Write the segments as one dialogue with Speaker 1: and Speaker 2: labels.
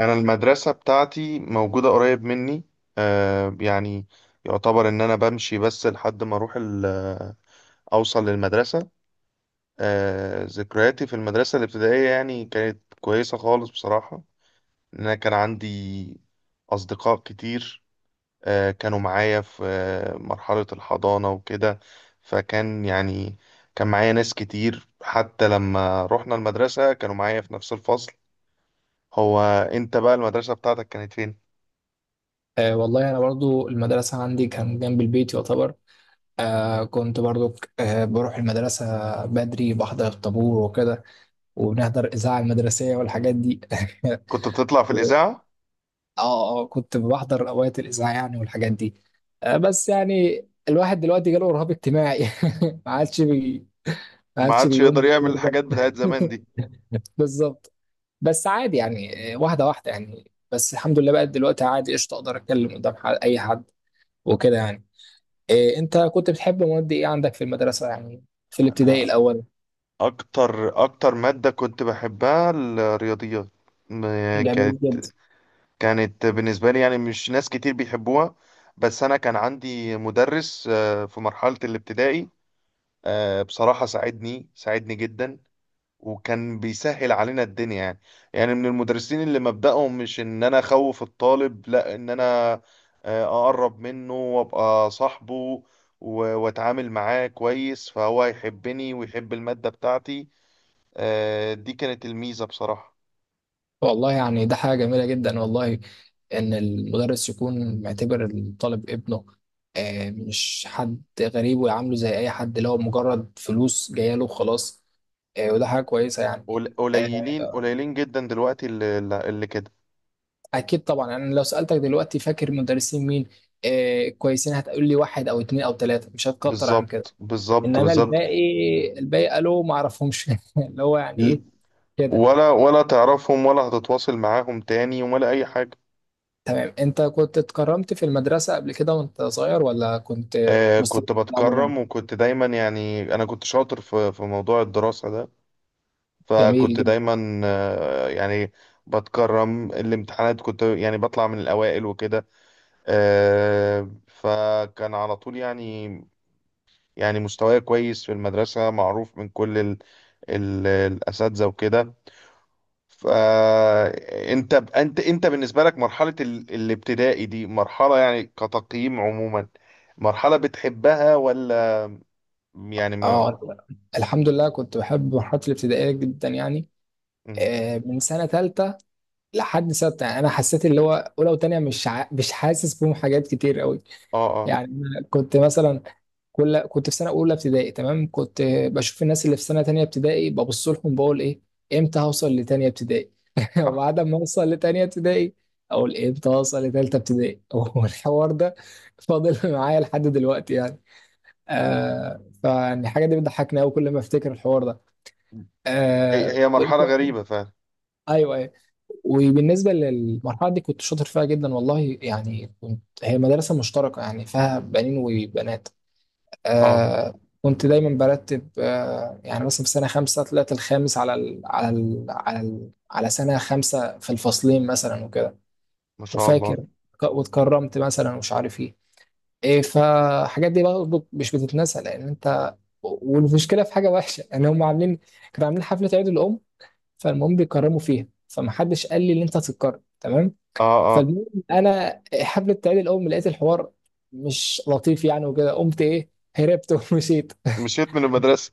Speaker 1: انا المدرسه بتاعتي موجوده قريب مني. آه يعني يعتبر ان انا بمشي بس لحد ما اروح اوصل للمدرسه. ذكرياتي في المدرسه الابتدائيه يعني كانت كويسه خالص بصراحه، ان انا كان عندي اصدقاء كتير كانوا معايا في مرحله الحضانه وكده. يعني كان معايا ناس كتير حتى لما رحنا المدرسه كانوا معايا في نفس الفصل. هو انت بقى المدرسه بتاعتك كانت فين؟
Speaker 2: والله أنا برضو المدرسة عندي كان جنب البيت يعتبر. آه كنت برضو آه بروح المدرسة بدري، بحضر الطابور وكده، وبنحضر الإذاعة المدرسية والحاجات دي.
Speaker 1: كنت بتطلع في
Speaker 2: و-
Speaker 1: الإذاعة؟
Speaker 2: اه كنت بحضر أوقات الإذاعة يعني والحاجات دي. بس يعني الواحد دلوقتي جاله رهاب اجتماعي. ما عادش بي ما
Speaker 1: ما
Speaker 2: عادش
Speaker 1: عادش
Speaker 2: بيقوم
Speaker 1: يقدر يعمل
Speaker 2: بالدور ده.
Speaker 1: الحاجات بتاعت زمان دي.
Speaker 2: بالظبط. بس عادي يعني، واحدة واحدة، يعني بس الحمد لله بقى دلوقتي عادي، قشطة أقدر أتكلم قدام أي حد وكده يعني. إيه، انت كنت بتحب مواد ايه عندك في المدرسة يعني، في الابتدائي
Speaker 1: أنا،
Speaker 2: الاول؟
Speaker 1: أكتر مادة كنت بحبها الرياضيات. م-
Speaker 2: جميل
Speaker 1: كانت
Speaker 2: جدا.
Speaker 1: كانت بالنسبة لي يعني مش ناس كتير بيحبوها، بس أنا كان عندي مدرس في مرحلة الابتدائي بصراحة ساعدني ساعدني جدا، وكان بيسهل علينا الدنيا يعني. يعني من المدرسين اللي مبدأهم مش ان انا اخوف الطالب، لا، ان انا اقرب منه وابقى صاحبه واتعامل معاه كويس فهو يحبني ويحب المادة بتاعتي. دي كانت الميزة بصراحة.
Speaker 2: والله يعني ده حاجة جميلة جدا والله، ان المدرس يكون معتبر الطالب ابنه، إيه، مش حد غريب، ويعامله زي اي حد اللي هو مجرد فلوس جاية له وخلاص. إيه، وده حاجة كويسة يعني.
Speaker 1: قليلين
Speaker 2: آه،
Speaker 1: قليلين جدا دلوقتي اللي كده.
Speaker 2: اكيد طبعا. انا لو سالتك دلوقتي فاكر مدرسين مين كويسين، هتقول لي واحد او اتنين او تلاته، مش هتكتر عن كده.
Speaker 1: بالظبط، بالظبط،
Speaker 2: انما
Speaker 1: بالظبط.
Speaker 2: الباقي، الباقي قالوا ما اعرفهمش. اللي هو يعني ايه، كده.
Speaker 1: ولا تعرفهم، ولا هتتواصل معاهم تاني ولا اي حاجة.
Speaker 2: تمام، انت كنت اتكرمت في المدرسة قبل كده وانت صغير ولا كنت؟ مستوى
Speaker 1: كنت
Speaker 2: عموما.
Speaker 1: بتكرم، وكنت دايما يعني أنا كنت شاطر في موضوع الدراسة ده،
Speaker 2: جميل
Speaker 1: فكنت
Speaker 2: جدا.
Speaker 1: دايما بتكرم. الامتحانات كنت يعني بطلع من الأوائل وكده. فكان على طول يعني يعني مستواي كويس في المدرسة معروف من كل ال الأساتذة وكده. فأنت أنت أنت أنت بالنسبة لك مرحلة الابتدائي دي مرحلة، يعني كتقييم عموما، مرحلة بتحبها ولا يعني ما...
Speaker 2: اه، الحمد لله كنت بحب مرحلة الابتدائية جدا يعني.
Speaker 1: مم.
Speaker 2: من سنة تالتة لحد ستة. يعني أنا حسيت اللي هو أولى وتانية مش حاسس بهم حاجات كتير قوي.
Speaker 1: اه اه.
Speaker 2: يعني أنا كنت مثلا، كنت في سنه اولى ابتدائي، تمام، كنت بشوف الناس اللي في سنه تانية ابتدائي، ببص لهم بقول ايه، امتى هوصل لتانية ابتدائي.
Speaker 1: صح.
Speaker 2: وبعد ما اوصل لتانية ابتدائي اقول امتى هوصل لتالتة ابتدائي. والحوار ده فاضل معايا لحد دلوقتي يعني. فالحاجه دي بتضحكني قوي كل ما افتكر الحوار ده.
Speaker 1: هي
Speaker 2: آه
Speaker 1: هي مرحلة
Speaker 2: وإنت-
Speaker 1: غريبة فعلا.
Speaker 2: ايوه ايوه. وبالنسبه للمرحله دي كنت شاطر فيها جدا والله يعني، كنت هي مدرسه مشتركه يعني، فيها بنين وبنات.
Speaker 1: اه،
Speaker 2: كنت دايما برتب، يعني مثلا في سنة خمسة طلعت الخامس على سنة خمسة في الفصلين مثلا وكده.
Speaker 1: ما شاء
Speaker 2: وفاكر،
Speaker 1: الله.
Speaker 2: واتكرمت مثلا ومش عارف ايه. ايه، فالحاجات دي برضه مش بتتنسى لان انت، والمشكله في حاجه وحشه يعني، هم عاملين كانوا عاملين حفله عيد الام. فالمهم بيكرموا فيها، فمحدش قال لي ان انت هتتكرم، تمام.
Speaker 1: اه اه،
Speaker 2: فالمهم انا حفله عيد الام لقيت الحوار مش لطيف يعني، وكده قمت ايه، هربت. ومشيت،
Speaker 1: مشيت من المدرسة.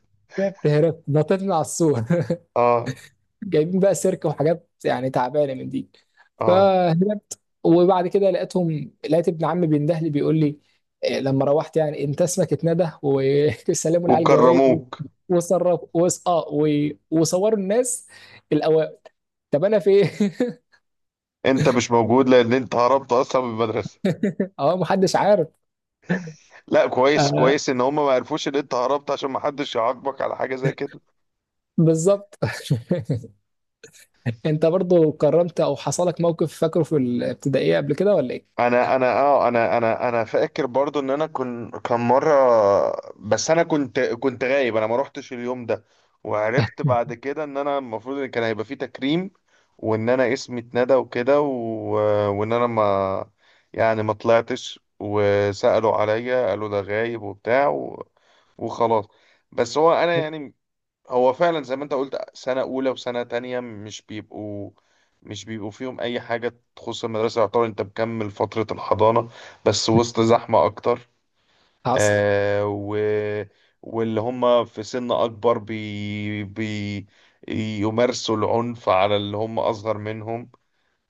Speaker 2: هرات نطيت من على السور.
Speaker 1: اه
Speaker 2: جايبين بقى سيرك وحاجات يعني تعبانه من دي.
Speaker 1: اه،
Speaker 2: فهربت، وبعد كده لقيتهم، لقيت ابن عمي بينده لي بيقول لي إيه، لما روحت يعني انت اسمك اتندى وسلموا لي على الجوايد.
Speaker 1: وكرموك.
Speaker 2: وصرف وص... اه و... وصوروا الناس الاوائل، طب انا فين؟
Speaker 1: انت مش موجود لان انت هربت اصلا من المدرسة.
Speaker 2: اه، محدش عارف.
Speaker 1: لا، كويس
Speaker 2: آه،
Speaker 1: كويس ان هم ما عرفوش ان انت هربت عشان ما حدش يعاقبك على حاجة زي كده.
Speaker 2: بالظبط. انت برضو كرمت او حصلك موقف فاكره في الابتدائيه قبل كده ولا ايه؟
Speaker 1: انا فاكر برضو ان انا كان مره، بس انا كنت غايب، انا ما روحتش اليوم ده، وعرفت بعد كده ان انا المفروض ان كان هيبقى فيه تكريم وان انا اسمي اتندى وكده، و... وان انا ما، يعني ما طلعتش، وسألوا عليا قالوا ده غايب وبتاع، و... وخلاص. بس هو انا يعني هو فعلا زي ما انت قلت سنة أولى وسنة تانية مش بيبقوا فيهم أي حاجة تخص المدرسة، يعتبر أنت مكمل فترة الحضانة بس وسط زحمة أكتر
Speaker 2: حصل.
Speaker 1: آه و... واللي هم في سن أكبر يمارسوا العنف على اللي هم أصغر منهم.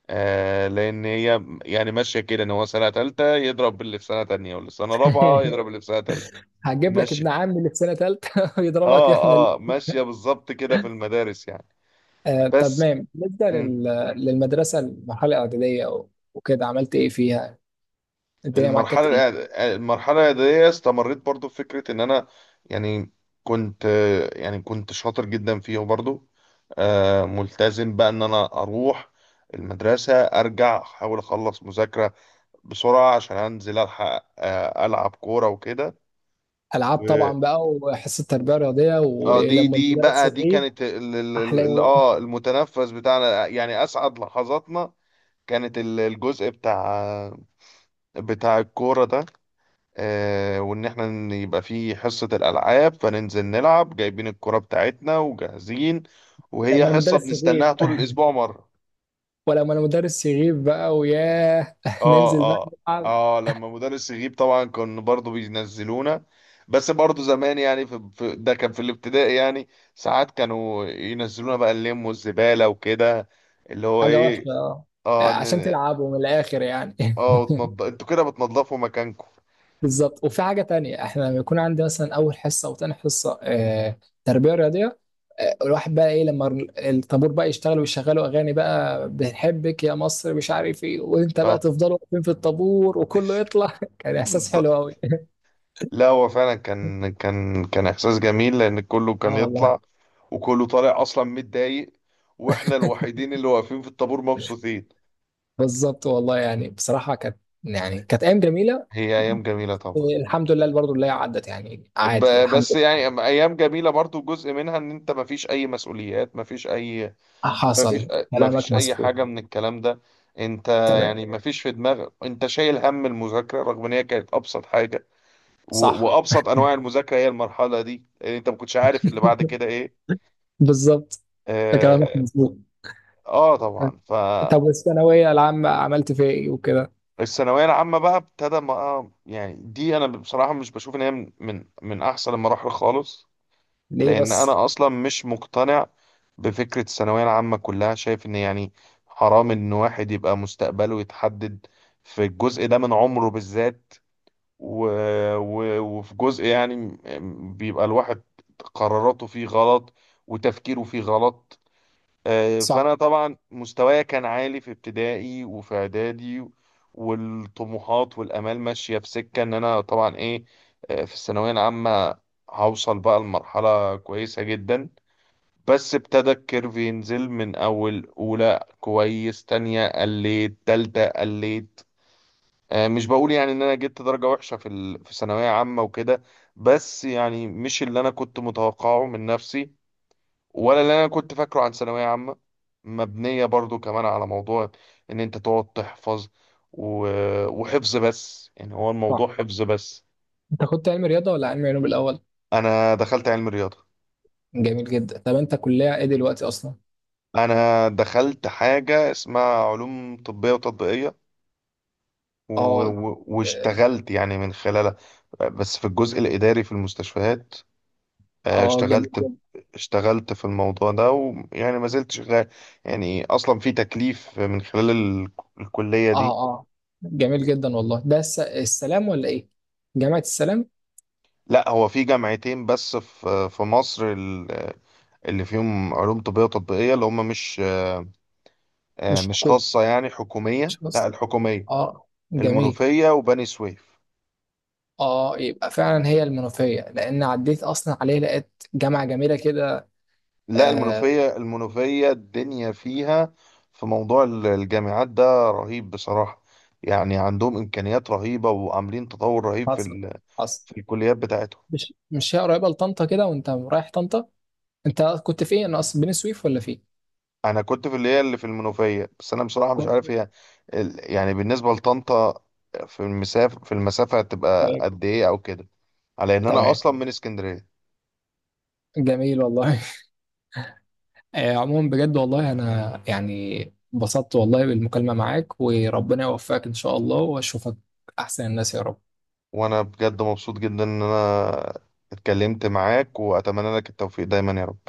Speaker 1: لأن هي يعني ماشية كده، إن هو سنة تالتة يضرب اللي في سنة تانية، واللي في سنة رابعة يضرب اللي في سنة تالتة.
Speaker 2: هجيب لك ابن
Speaker 1: ماشية.
Speaker 2: عمي اللي في سنه ثالثه ويضربك
Speaker 1: آه. آه ماشية بالظبط كده في المدارس يعني.
Speaker 2: آه. طب
Speaker 1: بس.
Speaker 2: مام،
Speaker 1: مم.
Speaker 2: للمدرسه المرحله الاعداديه وكده عملت ايه فيها؟ الدنيا معاك كانت
Speaker 1: المرحلة
Speaker 2: ايه؟
Speaker 1: المرحلة الإعدادية استمريت برضو في فكرة إن أنا، يعني كنت يعني كنت شاطر جدا فيه برضو. ملتزم بقى إن أنا أروح المدرسة، أرجع أحاول أخلص مذاكرة بسرعة عشان أنزل ألحق ألعب كورة وكده.
Speaker 2: العاب
Speaker 1: و-
Speaker 2: طبعا بقى، وحصه تربيه رياضيه،
Speaker 1: اه دي
Speaker 2: ولما
Speaker 1: دي
Speaker 2: المدرس
Speaker 1: بقى دي
Speaker 2: يغيب
Speaker 1: كانت
Speaker 2: احلى يوم.
Speaker 1: المتنفس بتاعنا يعني أسعد لحظاتنا. كانت الجزء بتاع الكورة ده. وان احنا يبقى في حصة الالعاب، فننزل نلعب جايبين الكرة بتاعتنا وجاهزين، وهي
Speaker 2: لما
Speaker 1: حصة
Speaker 2: المدرس يغيب.
Speaker 1: بنستناها طول الاسبوع مرة.
Speaker 2: ولما المدرس يغيب بقى وياه
Speaker 1: اه
Speaker 2: ننزل بقى
Speaker 1: اه.
Speaker 2: نلعب.
Speaker 1: اه لما مدرس يغيب طبعا كان برضو بينزلونا، بس برضو زمان يعني ده كان في الابتدائي يعني، ساعات كانوا ينزلونا بقى اللم والزبالة وكده، اللي هو
Speaker 2: حاجه
Speaker 1: ايه.
Speaker 2: وحشه، اه،
Speaker 1: اه.
Speaker 2: عشان تلعبوا من الاخر يعني.
Speaker 1: انتوا كده بتنضفوا مكانكم.
Speaker 2: بالظبط. وفي حاجة تانية، احنا لما يكون عندي مثلا أول حصة أو تاني حصة تربية رياضية، الواحد بقى إيه، لما الطابور بقى يشتغل ويشغلوا أغاني بقى، بنحبك يا مصر مش عارف إيه، وأنت بقى
Speaker 1: اه
Speaker 2: تفضلوا واقفين في الطابور وكله يطلع. كان إحساس حلو
Speaker 1: بالظبط.
Speaker 2: أوي.
Speaker 1: لا هو فعلا كان احساس جميل لان كله كان
Speaker 2: اه والله،
Speaker 1: يطلع، وكله طالع اصلا متضايق، واحنا الوحيدين اللي واقفين في الطابور مبسوطين.
Speaker 2: بالظبط. والله يعني بصراحة كانت، يعني كانت أيام جميلة.
Speaker 1: هي ايام جميله طبعا.
Speaker 2: الحمد لله برضه اللي هي عدت يعني، عادي الحمد
Speaker 1: بس
Speaker 2: لله.
Speaker 1: يعني ايام جميله برضو، جزء منها ان انت مفيش اي مسؤوليات، مفيش اي،
Speaker 2: حصل، كلامك
Speaker 1: مفيش اي
Speaker 2: مظبوط.
Speaker 1: حاجه من الكلام ده. انت
Speaker 2: تمام.
Speaker 1: يعني مفيش في دماغك انت شايل هم المذاكره، رغم ان هي كانت ابسط حاجه
Speaker 2: صح،
Speaker 1: وابسط انواع المذاكره هي المرحله دي، لان انت ما كنتش عارف اللي بعد كده ايه.
Speaker 2: بالظبط، كلامك
Speaker 1: آه،
Speaker 2: مظبوط.
Speaker 1: اه طبعا.
Speaker 2: طب والثانوية العامة عملت فيها ايه وكده؟
Speaker 1: فالثانويه العامه بقى ابتدى بقى يعني، دي انا بصراحه مش بشوف ان هي من احسن المراحل خالص،
Speaker 2: ليه
Speaker 1: لان
Speaker 2: بس؟
Speaker 1: انا اصلا مش مقتنع بفكره الثانويه العامه كلها. شايف ان يعني حرام ان واحد يبقى مستقبله يتحدد في الجزء ده من عمره بالذات، و... وفي جزء، يعني بيبقى الواحد قراراته فيه غلط وتفكيره فيه غلط.
Speaker 2: صح،
Speaker 1: فانا طبعا مستوايا كان عالي في ابتدائي وفي اعدادي، والطموحات والامال ماشيه في سكه ان انا طبعا ايه. في الثانويه العامه هوصل بقى لمرحله كويسه جدا، بس ابتدى الكيرف ينزل من اول اولى كويس، تانية قليت، تالتة قليت. مش بقول يعني ان انا جبت درجه وحشه في ثانويه عامه وكده، بس يعني مش اللي انا كنت متوقعه من نفسي، ولا اللي انا كنت فاكره عن ثانويه عامه، مبنيه برضو كمان على موضوع ان انت تقعد تحفظ، و... وحفظ بس. يعني هو الموضوع
Speaker 2: صح.
Speaker 1: حفظ بس.
Speaker 2: انت كنت علم رياضة ولا علم علوم الأول؟
Speaker 1: انا دخلت علم رياضه.
Speaker 2: جميل جدا. طب انت كلية ايه دلوقتي أصلا؟
Speaker 1: انا دخلت حاجه اسمها علوم طبيه وتطبيقيه،
Speaker 2: اه
Speaker 1: واشتغلت يعني من خلالها، بس في الجزء الاداري في المستشفيات.
Speaker 2: اه. آه، جميل
Speaker 1: اشتغلت
Speaker 2: جدا.
Speaker 1: اشتغلت في الموضوع ده، ويعني ما زلت شغال، يعني اصلا في تكليف من خلال الكليه دي.
Speaker 2: اه اه. جميل جدا والله. ده السلام ولا ايه؟ جامعة السلام.
Speaker 1: لا، هو في جامعتين بس في مصر اللي فيهم علوم طبية تطبيقية، اللي هم مش
Speaker 2: مش
Speaker 1: مش
Speaker 2: حكومة،
Speaker 1: خاصة، يعني
Speaker 2: مش
Speaker 1: حكومية. لا،
Speaker 2: بس.
Speaker 1: الحكومية:
Speaker 2: اه، جميل.
Speaker 1: المنوفية وبني سويف.
Speaker 2: اه، يبقى فعلا هي المنوفية، لأن عديت أصلا عليه لقيت جامعة جميلة كده.
Speaker 1: لا،
Speaker 2: آه.
Speaker 1: المنوفية. المنوفية الدنيا فيها في موضوع الجامعات ده رهيب بصراحة، يعني عندهم إمكانيات رهيبة وعاملين تطور رهيب
Speaker 2: حصل حصل.
Speaker 1: في الكليات بتاعتهم.
Speaker 2: مش، مش هي قريبة لطنطا كده وانت رايح طنطا؟ انت كنت في ايه، انا اصلا بني سويف ولا في إيه؟
Speaker 1: انا كنت في اللي هي اللي في المنوفيه، بس انا بصراحه مش
Speaker 2: كو-
Speaker 1: عارف هي يعني بالنسبه لطنطا في المسافه، هتبقى
Speaker 2: طيب.
Speaker 1: قد ايه او كده، على ان انا
Speaker 2: تمام.
Speaker 1: اصلا من اسكندريه.
Speaker 2: جميل والله. آه، عموما بجد والله انا يعني انبسطت والله بالمكالمة معاك، وربنا يوفقك ان شاء الله، واشوفك احسن الناس يا رب.
Speaker 1: وانا بجد مبسوط جدا ان انا اتكلمت معاك، واتمنى لك التوفيق دايما يا رب.